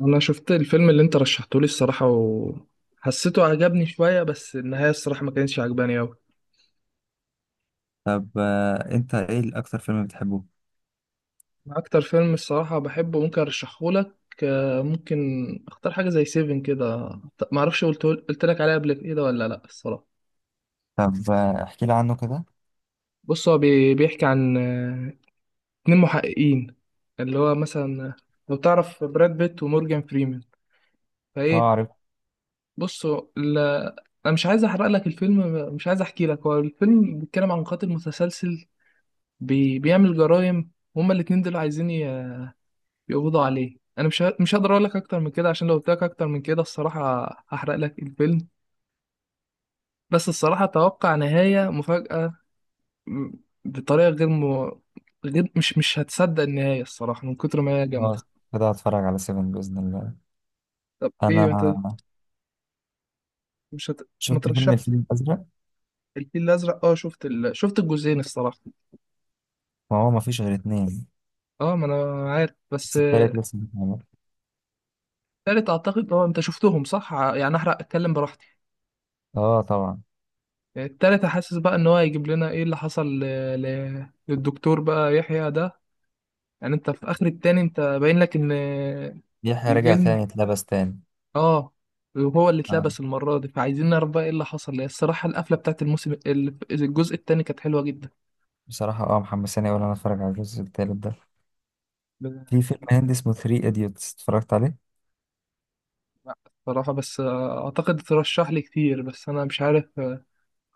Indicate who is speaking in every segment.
Speaker 1: انا شفت الفيلم اللي انت رشحته لي الصراحه وحسيته عجبني شويه، بس النهايه الصراحه ما كانتش عجباني قوي.
Speaker 2: طب آه، انت ايه اكتر فيلم بتحبه؟
Speaker 1: اكتر فيلم الصراحه بحبه ممكن ارشحه لك. آه، ممكن. اختار حاجه زي سيفن كده. ما اعرفش قلت لك عليها قبل كده ولا لا الصراحه.
Speaker 2: طب آه، احكي لي عنه كده.
Speaker 1: بص، هو بيحكي عن اتنين محققين، اللي هو مثلا، لو تعرف براد بيت ومورجان فريمان.
Speaker 2: اه،
Speaker 1: فايه.
Speaker 2: عرفت.
Speaker 1: بص، هو انا مش عايز احرق لك الفيلم، مش عايز احكي لك، هو الفيلم بيتكلم عن قاتل متسلسل. بيعمل جرائم. هما الاتنين دول عايزين يقبضوا عليه، انا مش هقدر اقول لك اكتر من كده، عشان لو قلت لك اكتر من كده الصراحه هحرق لك الفيلم. بس الصراحه اتوقع نهايه مفاجاه. م- بطريقه غير غير، مش هتصدق النهايه الصراحه من كتر ما هي جامده.
Speaker 2: خلاص، كده هتفرج على سيفن بإذن الله.
Speaker 1: طب ايه، ما انت
Speaker 2: انا
Speaker 1: مش هت... ما
Speaker 2: شفت فيلم
Speaker 1: ترشحش.
Speaker 2: الفيل الأزرق.
Speaker 1: الفيل الازرق، اه، شفت الجزئين الصراحه.
Speaker 2: ما هو مفيش غير اتنين،
Speaker 1: اه، ما انا عارف، بس
Speaker 2: بس التالت لسه بيتعمل.
Speaker 1: تالت اعتقد، اه، انت شفتهم صح، يعني احرق، اتكلم براحتي.
Speaker 2: اه طبعا.
Speaker 1: التالتة حاسس بقى ان هو هيجيب لنا ايه اللي حصل للدكتور بقى يحيى ده. يعني انت في اخر التاني، انت باين لك ان
Speaker 2: يحيى رجع
Speaker 1: الجن،
Speaker 2: تاني، اتلبس تاني.
Speaker 1: اه، هو اللي
Speaker 2: آه.
Speaker 1: اتلبس المرة دي، فعايزين نعرف بقى ايه اللي حصل. هي الصراحة القفلة بتاعت الموسم الجزء التاني كانت حلوة جدا.
Speaker 2: بصراحة محمساني أوي إن أنا أتفرج على الجزء التالت ده. في فيلم هندي اسمه ثري إيديوتس اتفرجت عليه.
Speaker 1: بصراحة، بس اعتقد ترشح لي كتير، بس انا مش عارف.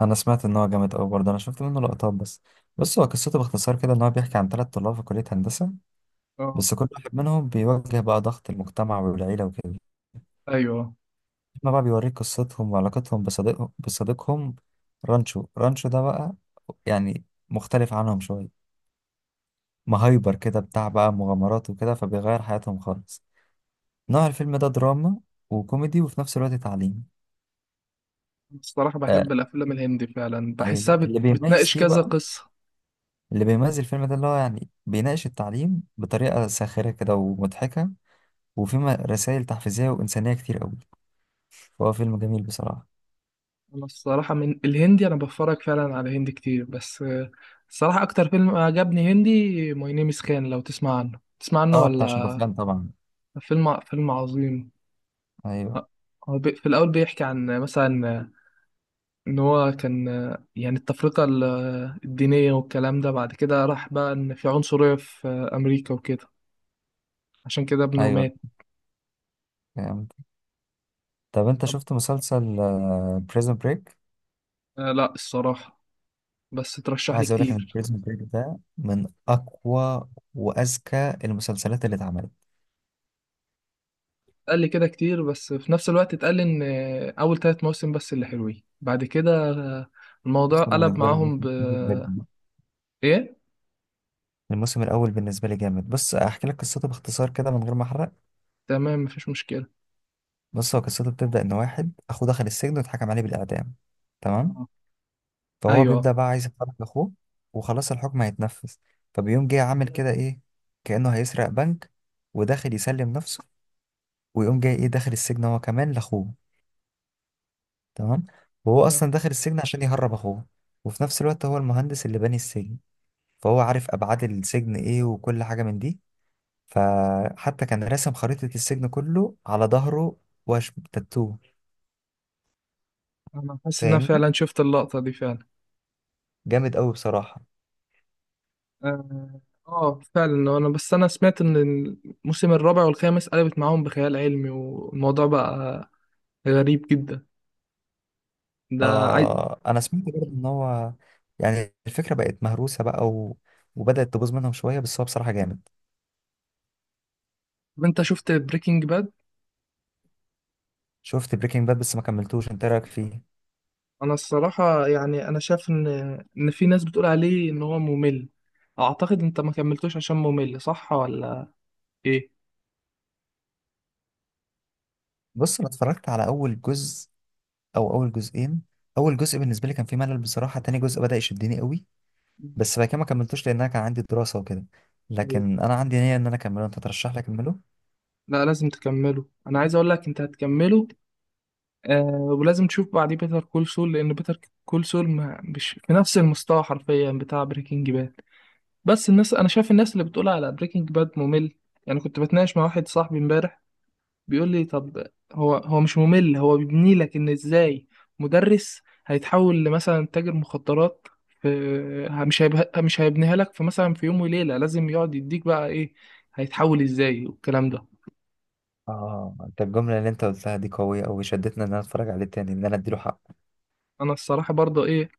Speaker 2: أنا سمعت إن هو جامد أوي برضه، أنا شفت منه لقطات بس. بص هو قصته باختصار كده، إن هو بيحكي عن 3 طلاب في كلية هندسة،
Speaker 1: اه،
Speaker 2: بس كل واحد منهم بيواجه بقى ضغط المجتمع والعيلة وكده.
Speaker 1: ايوه،
Speaker 2: احنا بقى بيوريك قصتهم وعلاقتهم بصديقهم رانشو. رانشو ده بقى يعني مختلف عنهم شوية، مهايبر كده بتاع بقى مغامرات وكده، فبيغير حياتهم خالص. نوع الفيلم ده دراما وكوميدي وفي نفس الوقت تعليم.
Speaker 1: الصراحة
Speaker 2: آه.
Speaker 1: بحب الافلام الهندي فعلا، بحسها
Speaker 2: أيوة، اللي بيميز
Speaker 1: بتناقش
Speaker 2: فيه
Speaker 1: كذا
Speaker 2: بقى،
Speaker 1: قصة.
Speaker 2: اللي بيميز الفيلم ده اللي هو يعني بيناقش التعليم بطريقة ساخرة كده ومضحكة، وفيه رسائل تحفيزية وإنسانية كتير قوي. فهو فيلم جميل بصراحة.
Speaker 1: انا الصراحه من الهندي، انا بتفرج فعلا على هندي كتير، بس الصراحه اكتر فيلم عجبني هندي ماي نيم از خان، لو تسمع عنه تسمع عنه
Speaker 2: اه، بتاع
Speaker 1: ولا؟
Speaker 2: شاروخان طبعا.
Speaker 1: فيلم عظيم.
Speaker 2: ايوه
Speaker 1: آه، هو في الاول بيحكي عن مثلا ان هو كان يعني التفرقه الدينيه والكلام ده، بعد كده راح بقى ان في عنصريه في امريكا وكده. عشان كده ابنه
Speaker 2: ايوه،
Speaker 1: مات.
Speaker 2: فهمت. طب انت
Speaker 1: طب،
Speaker 2: شفت مسلسل بريزون بريك؟
Speaker 1: لا الصراحه. بس ترشح لي
Speaker 2: عايز اقول لك ان
Speaker 1: كتير.
Speaker 2: بريزون بريك ده من اقوى واذكى المسلسلات اللي اتعملت.
Speaker 1: قال لي كده كتير، بس في نفس الوقت اتقال لي ان اول ثلاث مواسم بس اللي حلوين، بعد كده الموضوع
Speaker 2: بس أنا
Speaker 1: قلب
Speaker 2: بالنسبه لي
Speaker 1: معاهم ب...
Speaker 2: الموسم الأول جامد.
Speaker 1: ايه.
Speaker 2: الموسم الاول بالنسبه لي جامد. بص احكي لك قصته باختصار كده من غير ما احرق.
Speaker 1: تمام، مفيش مشكلة.
Speaker 2: بص هو قصته بتبدا ان واحد اخوه دخل السجن واتحكم عليه بالاعدام. تمام.
Speaker 1: اه،
Speaker 2: فهو
Speaker 1: ايوه،
Speaker 2: بيبدا بقى عايز يحرك اخوه، وخلاص الحكم هيتنفذ. فبيقوم جه عامل كده ايه، كانه هيسرق بنك، وداخل يسلم نفسه، ويقوم جاي ايه داخل السجن هو كمان لاخوه. تمام. وهو اصلا
Speaker 1: تمام.
Speaker 2: داخل السجن عشان يهرب اخوه. وفي نفس الوقت هو المهندس اللي باني السجن، فهو عارف ابعاد السجن ايه وكل حاجه من دي. فحتى كان راسم خريطه السجن كله على ظهره، واش تاتو.
Speaker 1: انا حاسس ان انا
Speaker 2: فاهمني؟
Speaker 1: فعلا شفت اللقطة دي فعلا.
Speaker 2: جامد قوي بصراحه.
Speaker 1: اه. فعلا، انا بس، انا سمعت ان الموسم الرابع والخامس قلبت معاهم بخيال علمي، والموضوع بقى غريب جدا. ده عاي...
Speaker 2: انا سمعت برضه ان هو يعني الفكره بقت مهروسه بقى، وبدات تبوظ منهم شويه، بس هو بصراحه جامد.
Speaker 1: طب، انت شفت بريكنج باد؟
Speaker 2: شفت بريكنج باد بس ما كملتوش. انت إيه رايك فيه؟
Speaker 1: انا الصراحه يعني انا شايف ان في ناس بتقول عليه ان هو ممل. اعتقد انت ما كملتوش عشان ممل، صح ولا؟ ايه.
Speaker 2: بص انا اتفرجت على اول جزء، او اول جزئين. اول جزء بالنسبه لي كان فيه ملل بصراحه، تاني جزء بدا يشدني قوي.
Speaker 1: مم.
Speaker 2: بس بعد كده ما كملتوش لان انا كان عندي دراسه وكده.
Speaker 1: ايوه.
Speaker 2: لكن انا عندي نيه ان انا اكمله. انت ترشح لي اكمله؟
Speaker 1: لا، لازم تكمله، انا عايز اقول لك انت هتكمله. آه. ولازم تشوف بعديه بيتر كول سول، لان بيتر كول سول مش في نفس المستوى حرفيا بتاع بريكنج باد. بس الناس، انا شايف الناس اللي بتقول على بريكنج باد ممل، يعني كنت بتناقش مع واحد صاحبي امبارح، بيقول لي، طب، هو مش ممل، هو بيبني لك ان ازاي مدرس هيتحول لمثلا تاجر مخدرات في. مش هيبنيها لك في، مثلا، في يوم وليلة، لازم يقعد يديك بقى ايه، هيتحول ازاي والكلام ده.
Speaker 2: اه، انت الجمله اللي انت قلتها دي قويه قوي، شدتني ان انا اتفرج عليه تاني، ان انا اديله حق.
Speaker 1: انا الصراحة برضه ايه،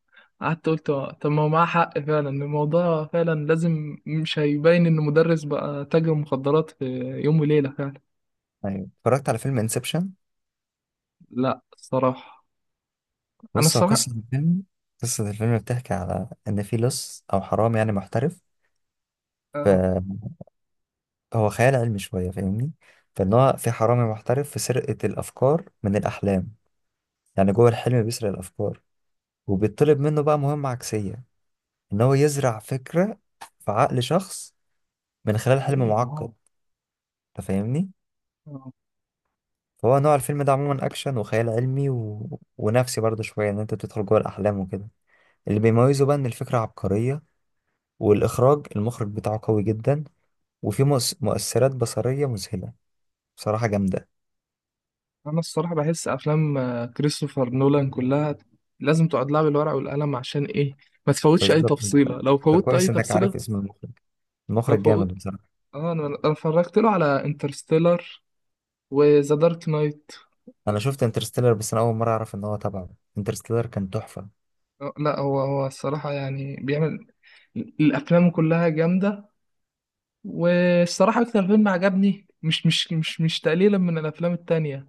Speaker 1: قعدت قلت، طب، ما هو معاه حق فعلا، الموضوع فعلا لازم، مش هيبين ان مدرس بقى تاجر مخدرات في يوم وليلة فعلا.
Speaker 2: ايوه. اتفرجت على فيلم انسبشن.
Speaker 1: لا الصراحة. انا
Speaker 2: بص هو
Speaker 1: الصراحة.
Speaker 2: قصه الفيلم، قصه الفيلم بتحكي على ان في لص او حرامي يعني محترف.
Speaker 1: آه.
Speaker 2: فهو خيال علمي شويه، فاهمني؟ فان هو في حرامي محترف في سرقه الافكار من الاحلام، يعني جوه الحلم بيسرق الافكار. وبيطلب منه بقى مهمة عكسية، إن هو يزرع فكرة في عقل شخص من خلال حلم معقد. أنت فاهمني؟
Speaker 1: آه.
Speaker 2: فهو نوع الفيلم ده عموما أكشن وخيال علمي ونفسي برضه شوية، إن أنت بتدخل جوه الأحلام وكده. اللي بيميزه بقى إن الفكرة عبقرية، والإخراج، المخرج بتاعه قوي جدا. وفي مؤثرات بصرية مذهلة، بصراحة جامدة.
Speaker 1: انا الصراحه بحس افلام كريستوفر نولان كلها لازم تقعد لها بالورق والقلم، عشان ايه؟ ما تفوتش اي
Speaker 2: بالظبط. انت
Speaker 1: تفصيله، لو
Speaker 2: أنت
Speaker 1: فوتت اي
Speaker 2: كويس إنك
Speaker 1: تفصيله،
Speaker 2: عارف اسم المخرج.
Speaker 1: لو
Speaker 2: المخرج
Speaker 1: فوت.
Speaker 2: جامد بصراحة.
Speaker 1: اه، أنا اتفرجت له على انترستيلر وذا دارك نايت.
Speaker 2: أنا شفت انترستيلر بس أنا أول مرة أعرف إن هو تبعه. انترستيلر كان تحفة.
Speaker 1: لا، هو الصراحه يعني بيعمل الافلام كلها جامده. والصراحه اكتر فيلم عجبني، مش تقليلا من الافلام التانية،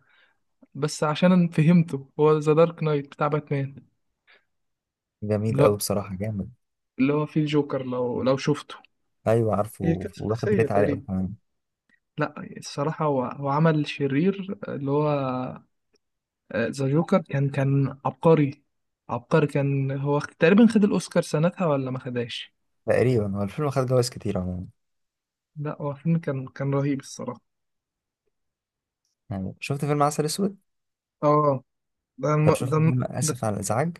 Speaker 1: بس عشان أنا فهمته، هو ذا دارك نايت بتاع باتمان.
Speaker 2: جميل أوي
Speaker 1: لا،
Speaker 2: بصراحة، جامد.
Speaker 1: اللي هو فيه الجوكر، لو شفته.
Speaker 2: ايوه
Speaker 1: هي
Speaker 2: عارفه،
Speaker 1: كانت
Speaker 2: واخد
Speaker 1: ثلاثية
Speaker 2: ريت عالي قوي
Speaker 1: تقريبا.
Speaker 2: كمان.
Speaker 1: لا الصراحة، هو عمل شرير، اللي هو ذا جوكر كان عبقري. عبقري، كان هو تقريبا خد الأوسكار سنتها ولا ما خداش؟
Speaker 2: تقريبا هو الفيلم خد جوائز كتير عموما.
Speaker 1: لا، هو فيلم كان رهيب الصراحة.
Speaker 2: يعني شفت فيلم عسل اسود؟
Speaker 1: اه.
Speaker 2: طب شفت فيلم
Speaker 1: ده.
Speaker 2: اسف على الازعاج؟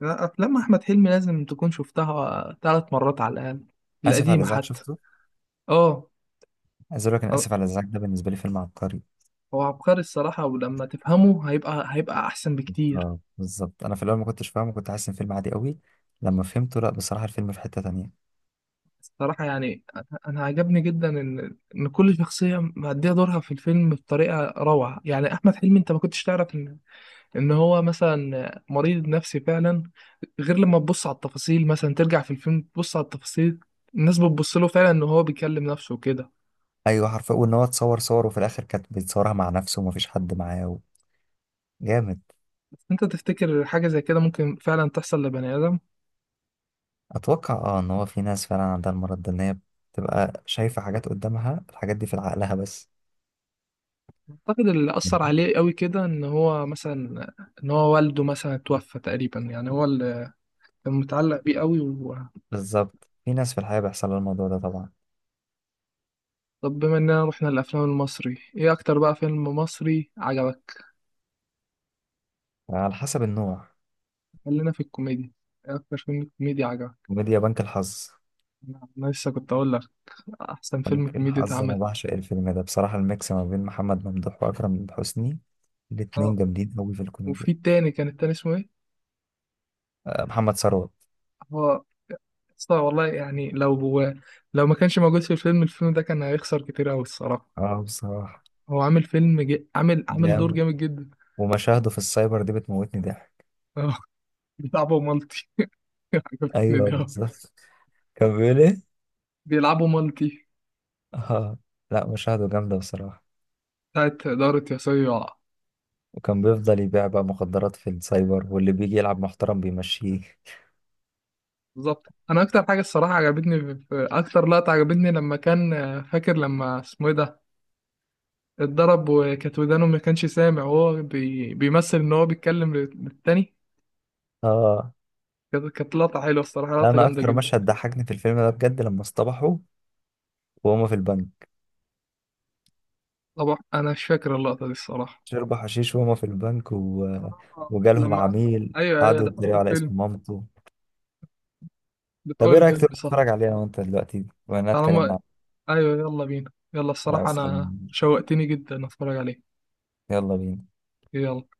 Speaker 1: لا، أفلام أحمد حلمي لازم تكون شفتها ثلاث مرات على الأقل،
Speaker 2: اسف على
Speaker 1: القديمة
Speaker 2: الازعاج
Speaker 1: حتى.
Speaker 2: شفته.
Speaker 1: اه.
Speaker 2: عايز اقول لك انا
Speaker 1: آه،
Speaker 2: اسف على الازعاج ده بالنسبه لي فيلم عبقري.
Speaker 1: هو عبقري الصراحة، ولما تفهمه هيبقى أحسن بكتير.
Speaker 2: اه بالظبط، انا في الاول ما كنتش فاهمه، كنت حاسس ان فيلم عادي قوي. لما فهمته لا، بصراحه الفيلم في حته تانية.
Speaker 1: الصراحة يعني، أنا عجبني جدا إن كل شخصية مأدية دورها في الفيلم بطريقة روعة، يعني أحمد حلمي، أنت ما كنتش تعرف إن إن هو مثلا مريض نفسي فعلا، غير لما تبص على التفاصيل، مثلا ترجع في الفيلم تبص على التفاصيل، الناس بتبص له فعلا إن هو بيكلم نفسه وكده.
Speaker 2: ايوه حرفيا، وان هو اتصور صور وفي الاخر كانت بيتصورها مع نفسه ومفيش حد معاه جامد.
Speaker 1: أنت تفتكر حاجة زي كده ممكن فعلا تحصل لبني آدم؟
Speaker 2: اتوقع اه ان هو في ناس فعلا عندها المرض ده، ان هي بتبقى شايفه حاجات قدامها، الحاجات دي في عقلها بس.
Speaker 1: أعتقد اللي أثر عليه قوي كده، إن هو مثلا إن هو والده مثلا توفى تقريبا، يعني هو اللي كان متعلق بيه قوي.
Speaker 2: بالظبط، في ناس في الحياة بيحصل لها الموضوع ده طبعا.
Speaker 1: طب بما اننا رحنا للافلام المصري، ايه اكتر بقى فيلم مصري عجبك؟
Speaker 2: على حسب النوع.
Speaker 1: خلينا في الكوميديا. ايه اكتر فيلم كوميدي عجبك؟
Speaker 2: كوميديا: بنك الحظ.
Speaker 1: أنا لسه كنت اقول لك، احسن فيلم
Speaker 2: بنك
Speaker 1: كوميدي
Speaker 2: الحظ، أنا
Speaker 1: اتعمل.
Speaker 2: بعشق الفيلم ده بصراحة، الميكس ما بين محمد ممدوح وأكرم حسني،
Speaker 1: اه.
Speaker 2: الاتنين جامدين أوي في
Speaker 1: وفي
Speaker 2: الكوميديا.
Speaker 1: التاني، كان التاني اسمه ايه؟
Speaker 2: محمد ثروت.
Speaker 1: هو أصلا والله، يعني لو هو لو ما كانش موجود في الفيلم، الفيلم ده كان هيخسر كتير قوي الصراحه.
Speaker 2: اه بصراحة
Speaker 1: هو عامل دور
Speaker 2: جامد.
Speaker 1: جامد جدا.
Speaker 2: ومشاهده في السايبر دي بتموتني ضحك.
Speaker 1: اه. بيلعبوا مالتي. عجبتني
Speaker 2: أيوه
Speaker 1: ده.
Speaker 2: بالظبط. كان بيقول إيه؟
Speaker 1: بيلعبوا مالتي.
Speaker 2: اه. لا، مشاهده جامدة بصراحة.
Speaker 1: بتاعت دارة يا صيع.
Speaker 2: وكان بيفضل يبيع بقى مخدرات في السايبر، واللي بيجي يلعب محترم بيمشيه.
Speaker 1: بالظبط، انا اكتر حاجه الصراحه عجبتني اكتر لقطه عجبتني، لما كان، فاكر لما اسمه ايه ده، اتضرب وكانت ودانه ما كانش سامع، وهو بيمثل ان هو بيتكلم للتاني.
Speaker 2: اه.
Speaker 1: كانت لقطه حلوه الصراحه،
Speaker 2: لا،
Speaker 1: لقطه
Speaker 2: انا
Speaker 1: جامده
Speaker 2: اكتر
Speaker 1: جدا.
Speaker 2: مشهد ضحكني في الفيلم ده بجد لما اصطبحوا وهما في البنك،
Speaker 1: طبعا انا مش فاكر اللقطه دي الصراحه.
Speaker 2: شربوا حشيش وهما في البنك، وجالهم
Speaker 1: لما
Speaker 2: عميل
Speaker 1: ايوه، ايوه،
Speaker 2: قعدوا
Speaker 1: ده في
Speaker 2: يتريقوا
Speaker 1: اول
Speaker 2: على
Speaker 1: فيلم،
Speaker 2: اسم مامته.
Speaker 1: ده في
Speaker 2: طب ايه
Speaker 1: اول
Speaker 2: رأيك
Speaker 1: فيلم،
Speaker 2: تروح
Speaker 1: صح؟
Speaker 2: تتفرج عليها وانت دلوقتي وانا اتكلمنا
Speaker 1: طالما
Speaker 2: عن.
Speaker 1: ايوه، يلا بينا، يلا، الصراحه
Speaker 2: خلاص يلا.
Speaker 1: انا شوقتني جدا اتفرج عليه.
Speaker 2: يلا بينا.
Speaker 1: يلا.